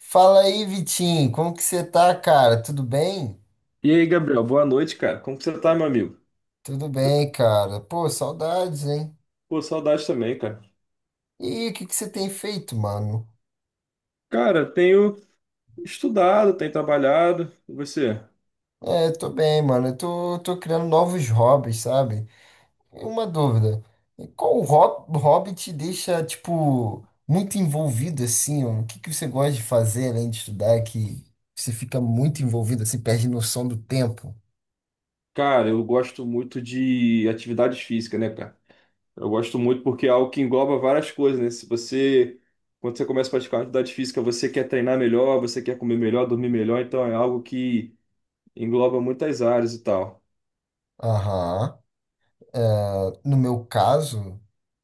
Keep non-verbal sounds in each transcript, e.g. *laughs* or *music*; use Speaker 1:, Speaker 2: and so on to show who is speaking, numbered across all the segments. Speaker 1: Fala aí, Vitinho, como que você tá, cara? Tudo bem?
Speaker 2: E aí, Gabriel, boa noite, cara. Como que você tá, meu amigo?
Speaker 1: Tudo bem, cara. Pô, saudades, hein?
Speaker 2: Pô, saudade também, cara.
Speaker 1: E o que que você tem feito, mano?
Speaker 2: Cara, tenho estudado, tenho trabalhado. E você?
Speaker 1: Tô bem, mano. Eu tô criando novos hobbies, sabe? E uma dúvida. Qual hobby te deixa, tipo, muito envolvido, assim? Ó? O que que você gosta de fazer, além de estudar, que você fica muito envolvido, assim, perde noção do tempo?
Speaker 2: Cara, eu gosto muito de atividades físicas, né, cara? Eu gosto muito porque é algo que engloba várias coisas, né? Se você, Quando você começa a praticar uma atividade física, você quer treinar melhor, você quer comer melhor, dormir melhor, então é algo que engloba muitas áreas e tal.
Speaker 1: Aham. No meu caso,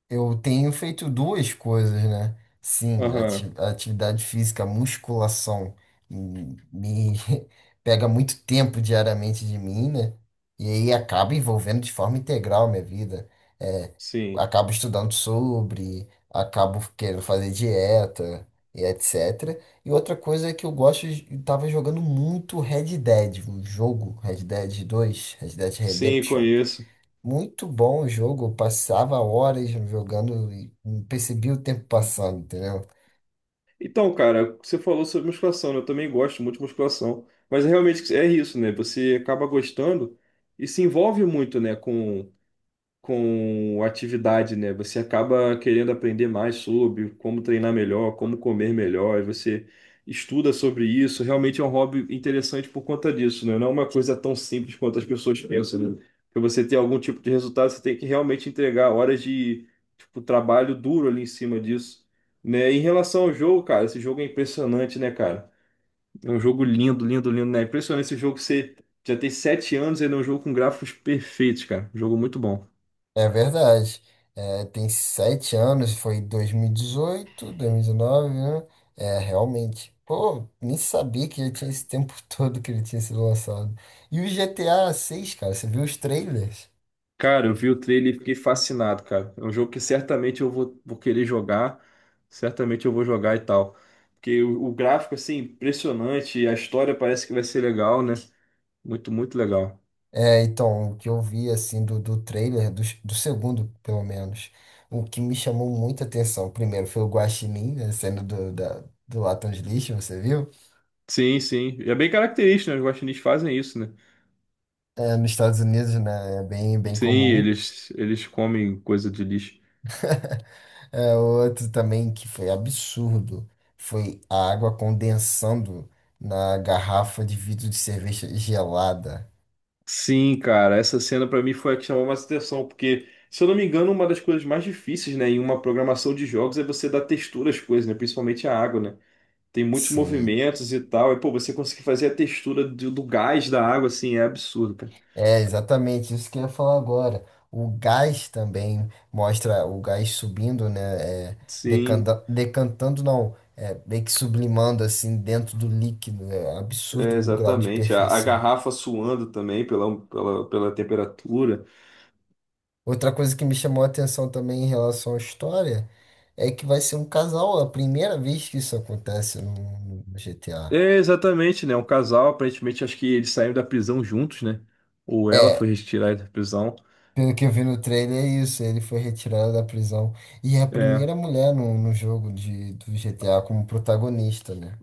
Speaker 1: eu tenho feito duas coisas, né? Sim,
Speaker 2: Aham,
Speaker 1: atividade física, musculação, me *laughs* pega muito tempo diariamente de mim, né? E aí acaba envolvendo de forma integral a minha vida. É,
Speaker 2: sim.
Speaker 1: acabo estudando sobre, acabo querendo fazer dieta e etc. E outra coisa é que eu gosto, eu tava jogando muito Red Dead, o jogo, Red Dead dois, Red Dead
Speaker 2: Sim,
Speaker 1: Redemption.
Speaker 2: conheço.
Speaker 1: Muito bom o jogo, eu passava horas jogando e não percebia o tempo passando, entendeu?
Speaker 2: Então, cara, você falou sobre musculação, né? Eu também gosto muito de musculação, mas realmente é isso, né? Você acaba gostando e se envolve muito, né, com atividade, né? Você acaba querendo aprender mais sobre como treinar melhor, como comer melhor, e você estuda sobre isso. Realmente é um hobby interessante por conta disso, né? Não é uma coisa tão simples quanto as pessoas pensam, né? Para você ter algum tipo de resultado, você tem que realmente entregar horas de, tipo, trabalho duro ali em cima disso. Né? Em relação ao jogo, cara, esse jogo é impressionante, né, cara? É um jogo lindo, lindo, lindo, né? É impressionante esse jogo, você já tem sete anos, e ele é um jogo com gráficos perfeitos, cara. Um jogo muito bom.
Speaker 1: É verdade. É, tem sete anos, foi 2018, 2019, né? É, realmente. Pô, nem sabia que já tinha esse tempo *laughs* todo que ele tinha sido lançado. E o GTA seis, cara, você viu os trailers?
Speaker 2: Cara, eu vi o trailer e fiquei fascinado, cara. É um jogo que certamente eu vou querer jogar, certamente eu vou jogar e tal. Porque o gráfico, assim, impressionante, a história parece que vai ser legal, né? Muito, muito legal.
Speaker 1: É, então, o que eu vi, assim, do trailer, do segundo, pelo menos, o que me chamou muita atenção, primeiro, foi o Guaxinim, né, sendo do, da, do latão de lixo, você viu?
Speaker 2: Sim, sim. E é bem característico, né? Os guaxinins fazem isso, né?
Speaker 1: É, nos Estados Unidos, né, é bem, bem
Speaker 2: Sim,
Speaker 1: comum.
Speaker 2: eles comem coisa de lixo.
Speaker 1: *laughs* É, outro também que foi absurdo, foi a água condensando na garrafa de vidro de cerveja gelada.
Speaker 2: Sim, cara, essa cena pra mim foi a que chamou mais atenção, porque, se eu não me engano, uma das coisas mais difíceis, né, em uma programação de jogos é você dar textura às coisas, né? Principalmente à água, né? Tem muitos
Speaker 1: Sim.
Speaker 2: movimentos e tal. E, pô, você conseguir fazer a textura do gás da água, assim, é absurdo, cara.
Speaker 1: É exatamente isso que eu ia falar agora. O gás também, mostra o gás subindo, né? É,
Speaker 2: Sim,
Speaker 1: decantando, não, é, meio que sublimando assim dentro do líquido. Né, é um absurdo
Speaker 2: é,
Speaker 1: o grau de
Speaker 2: exatamente. A
Speaker 1: perfeição.
Speaker 2: garrafa suando também pela temperatura.
Speaker 1: Outra coisa que me chamou a atenção também em relação à história é que vai ser um casal, é a primeira vez que isso acontece no GTA.
Speaker 2: É, exatamente, né? Um casal, aparentemente, acho que eles saíram da prisão juntos, né? Ou ela foi
Speaker 1: É,
Speaker 2: retirada da prisão.
Speaker 1: pelo que eu vi no trailer, é isso. Ele foi retirado da prisão. E é a
Speaker 2: É,
Speaker 1: primeira mulher no jogo de, do GTA como protagonista, né?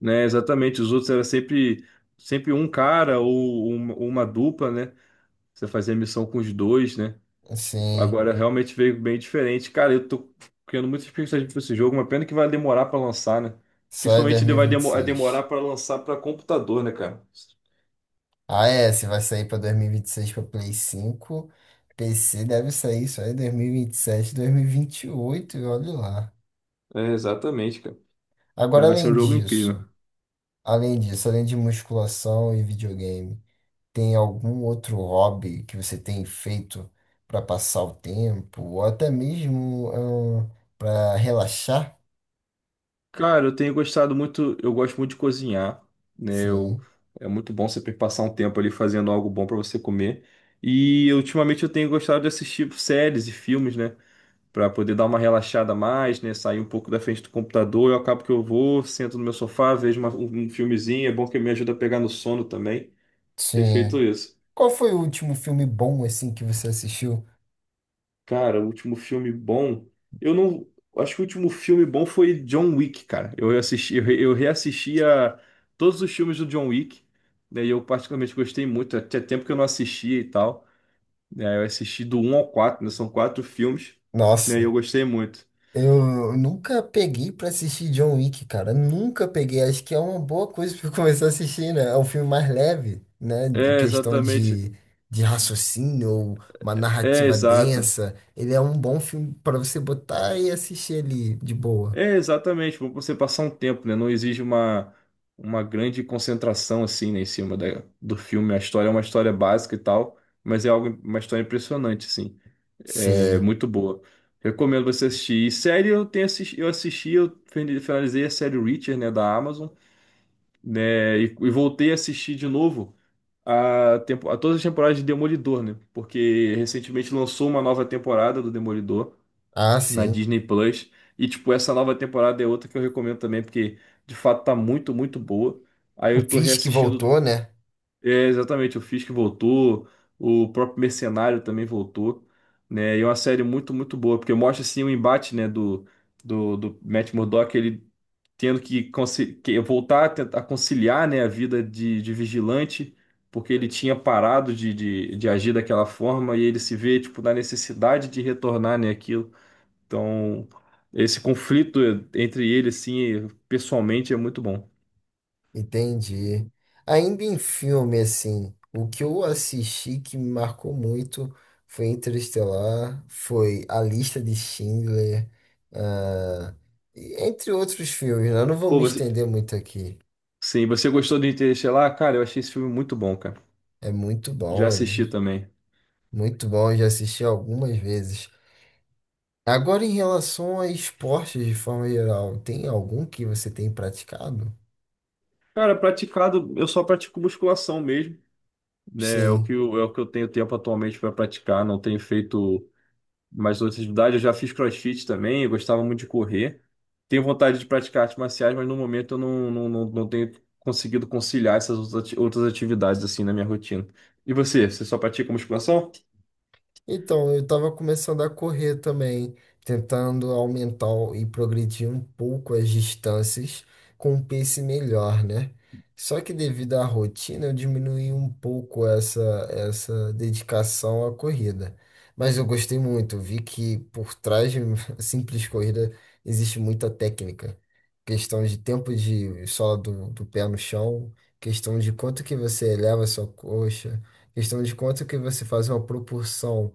Speaker 2: né? Exatamente. Os outros era sempre um cara ou uma dupla, né? Você fazia missão com os dois, né?
Speaker 1: Sim,
Speaker 2: Agora realmente veio bem diferente. Cara, eu tô criando muita expectativa pra esse jogo, uma pena que vai demorar pra lançar, né?
Speaker 1: só é dois
Speaker 2: Principalmente ele
Speaker 1: mil e
Speaker 2: vai
Speaker 1: vinte e
Speaker 2: demorar
Speaker 1: seis.
Speaker 2: pra lançar pra computador, né, cara?
Speaker 1: Ah, é, se vai sair pra 2026 pra Play 5, PC deve sair só em dois mil e vinte e sete, dois mil e vinte e oito, e olha lá.
Speaker 2: É, exatamente, cara.
Speaker 1: Agora,
Speaker 2: Mas vai ser um jogo incrível.
Speaker 1: além disso, além de musculação e videogame, tem algum outro hobby que você tem feito pra passar o tempo, ou até mesmo para relaxar?
Speaker 2: Cara, eu tenho gostado muito, eu gosto muito de cozinhar, né? Eu,
Speaker 1: Sim,
Speaker 2: é muito bom você passar um tempo ali fazendo algo bom pra você comer. E ultimamente eu tenho gostado de assistir séries e filmes, né? Para poder dar uma relaxada a mais, né? Sair um pouco da frente do computador. Eu acabo que eu sento no meu sofá, vejo um filmezinho. É bom que me ajuda a pegar no sono também. Ter feito
Speaker 1: sim.
Speaker 2: isso.
Speaker 1: Qual foi o último filme bom assim que você assistiu?
Speaker 2: Cara, o último filme bom. Eu não. Acho que o último filme bom foi John Wick, cara. Eu assisti, eu reassisti a todos os filmes do John Wick, né? E eu particularmente gostei muito. Tinha tempo que eu não assistia e tal. Né, eu assisti do um ao 4. Né? São quatro filmes, né? E
Speaker 1: Nossa.
Speaker 2: eu gostei muito.
Speaker 1: Eu nunca peguei pra assistir John Wick, cara. Nunca peguei. Acho que é uma boa coisa *laughs* pra eu começar a assistir, né? É um filme mais leve, né? Em
Speaker 2: É,
Speaker 1: questão
Speaker 2: exatamente.
Speaker 1: de raciocínio, ou uma
Speaker 2: É,
Speaker 1: narrativa
Speaker 2: exato.
Speaker 1: densa. Ele é um bom filme pra você botar e assistir ali de boa.
Speaker 2: É, exatamente, para você passar um tempo, né? Não exige uma grande concentração assim, né, em cima do filme. A história é uma história básica e tal, mas é algo, uma história impressionante, assim. É
Speaker 1: Sim.
Speaker 2: muito boa. Recomendo você assistir. E série eu assisti, finalizei a série Reacher, né, da Amazon, né, e voltei a assistir de novo a, tempo, a todas as temporadas de Demolidor, né? Porque recentemente lançou uma nova temporada do Demolidor
Speaker 1: Ah,
Speaker 2: na
Speaker 1: sim.
Speaker 2: Disney Plus. E, tipo, essa nova temporada é outra que eu recomendo também, porque de fato tá muito, muito boa. Aí
Speaker 1: O
Speaker 2: eu tô
Speaker 1: Fisk
Speaker 2: reassistindo,
Speaker 1: voltou, né?
Speaker 2: é, exatamente, o Fisk voltou, o próprio Mercenário também voltou, né? E é uma série muito, muito boa, porque mostra, assim, o embate, né, do Matt Murdock, ele tendo que, que voltar a tentar conciliar, né, a vida de vigilante, porque ele tinha parado de agir daquela forma e ele se vê, tipo, na necessidade de retornar, né, então, esse conflito entre ele, assim, pessoalmente é muito bom.
Speaker 1: Entendi. Ainda em filme, assim, o que eu assisti que me marcou muito foi Interestelar, foi A Lista de Schindler, ah, e entre outros filmes, né? Eu não vou
Speaker 2: Pô,
Speaker 1: me
Speaker 2: você...
Speaker 1: estender muito aqui.
Speaker 2: Sim, você gostou do Interestelar? Cara, eu achei esse filme muito bom, cara.
Speaker 1: É muito
Speaker 2: Já
Speaker 1: bom, é
Speaker 2: assisti também.
Speaker 1: eu já assisti algumas vezes. Agora, em relação a esportes de forma geral, tem algum que você tem praticado?
Speaker 2: Cara, praticado, eu só pratico musculação mesmo, né? É o
Speaker 1: Sim.
Speaker 2: que é o que eu tenho tempo atualmente para praticar, não tenho feito mais outras atividades. Eu já fiz CrossFit também, eu gostava muito de correr. Tenho vontade de praticar artes marciais, mas no momento eu não tenho conseguido conciliar essas outras outras atividades, assim, na minha rotina. E você, você só pratica musculação?
Speaker 1: Então, eu estava começando a correr também, tentando aumentar e progredir um pouco as distâncias com um pace melhor, né? Só que devido à rotina, eu diminuí um pouco essa dedicação à corrida. Mas eu gostei muito, vi que por trás de uma *laughs* simples corrida existe muita técnica. Questão de tempo de sola do pé no chão, questão de quanto que você eleva a sua coxa, questão de quanto que você faz uma propulsão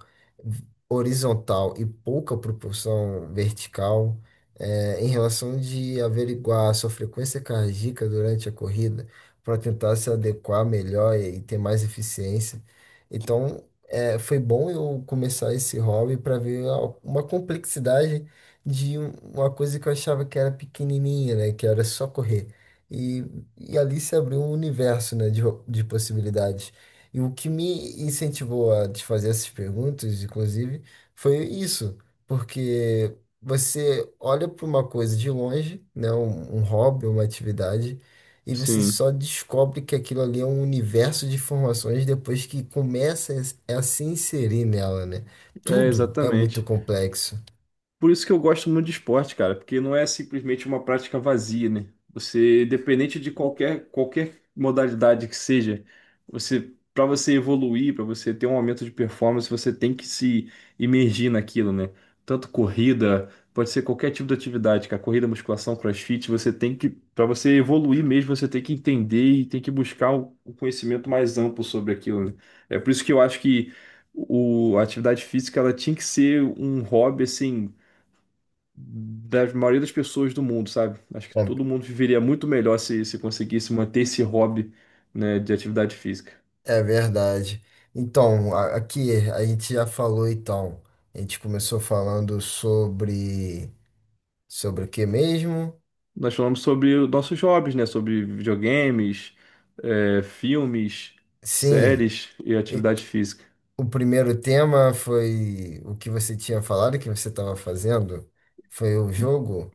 Speaker 1: horizontal e pouca propulsão vertical, é, em relação de averiguar a sua frequência cardíaca durante a corrida para tentar se adequar melhor e ter mais eficiência. Então, é, foi bom eu começar esse hobby para ver uma complexidade de uma coisa que eu achava que era pequenininha, né? Que era só correr. E, e ali se abriu um universo, né, de possibilidades. E o que me incentivou a te fazer essas perguntas, inclusive, foi isso, porque você olha para uma coisa de longe, né, um hobby, uma atividade, e você
Speaker 2: Sim,
Speaker 1: só descobre que aquilo ali é um universo de informações depois que começa a se inserir nela, né?
Speaker 2: é
Speaker 1: Tudo é muito
Speaker 2: exatamente.
Speaker 1: complexo.
Speaker 2: Por isso que eu gosto muito de esporte, cara, porque não é simplesmente uma prática vazia, né? Você, independente de qualquer modalidade que seja, você, para você evoluir, para você ter um aumento de performance, você tem que se imergir naquilo, né? Tanto corrida, pode ser qualquer tipo de atividade, cara, corrida, musculação, crossfit, você tem que, para você evoluir mesmo, você tem que entender e tem que buscar o conhecimento mais amplo sobre aquilo, né? É por isso que eu acho que a atividade física ela tinha que ser um hobby assim da maioria das pessoas do mundo, sabe? Acho que
Speaker 1: É,
Speaker 2: todo mundo viveria muito melhor se conseguisse manter esse hobby, né, de atividade física.
Speaker 1: é verdade. Então, aqui a gente já falou, então, a gente começou falando sobre sobre o que mesmo?
Speaker 2: Nós falamos sobre os nossos hobbies, né? Sobre videogames, é, filmes,
Speaker 1: Sim,
Speaker 2: séries e
Speaker 1: e
Speaker 2: atividade física.
Speaker 1: o primeiro tema foi o que você tinha falado que você estava fazendo? Foi o jogo?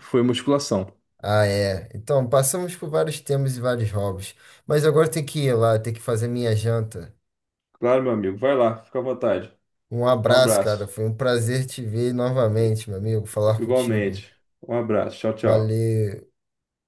Speaker 2: Foi musculação.
Speaker 1: Ah, é. Então, passamos por vários temas e vários hobbies. Mas agora tem que ir lá, tem que fazer minha janta.
Speaker 2: Claro, meu amigo. Vai lá, fica à vontade.
Speaker 1: Um
Speaker 2: Um
Speaker 1: abraço, cara.
Speaker 2: abraço.
Speaker 1: Foi um prazer te ver novamente, meu amigo, falar contigo.
Speaker 2: Igualmente. Um abraço. Tchau, tchau.
Speaker 1: Valeu.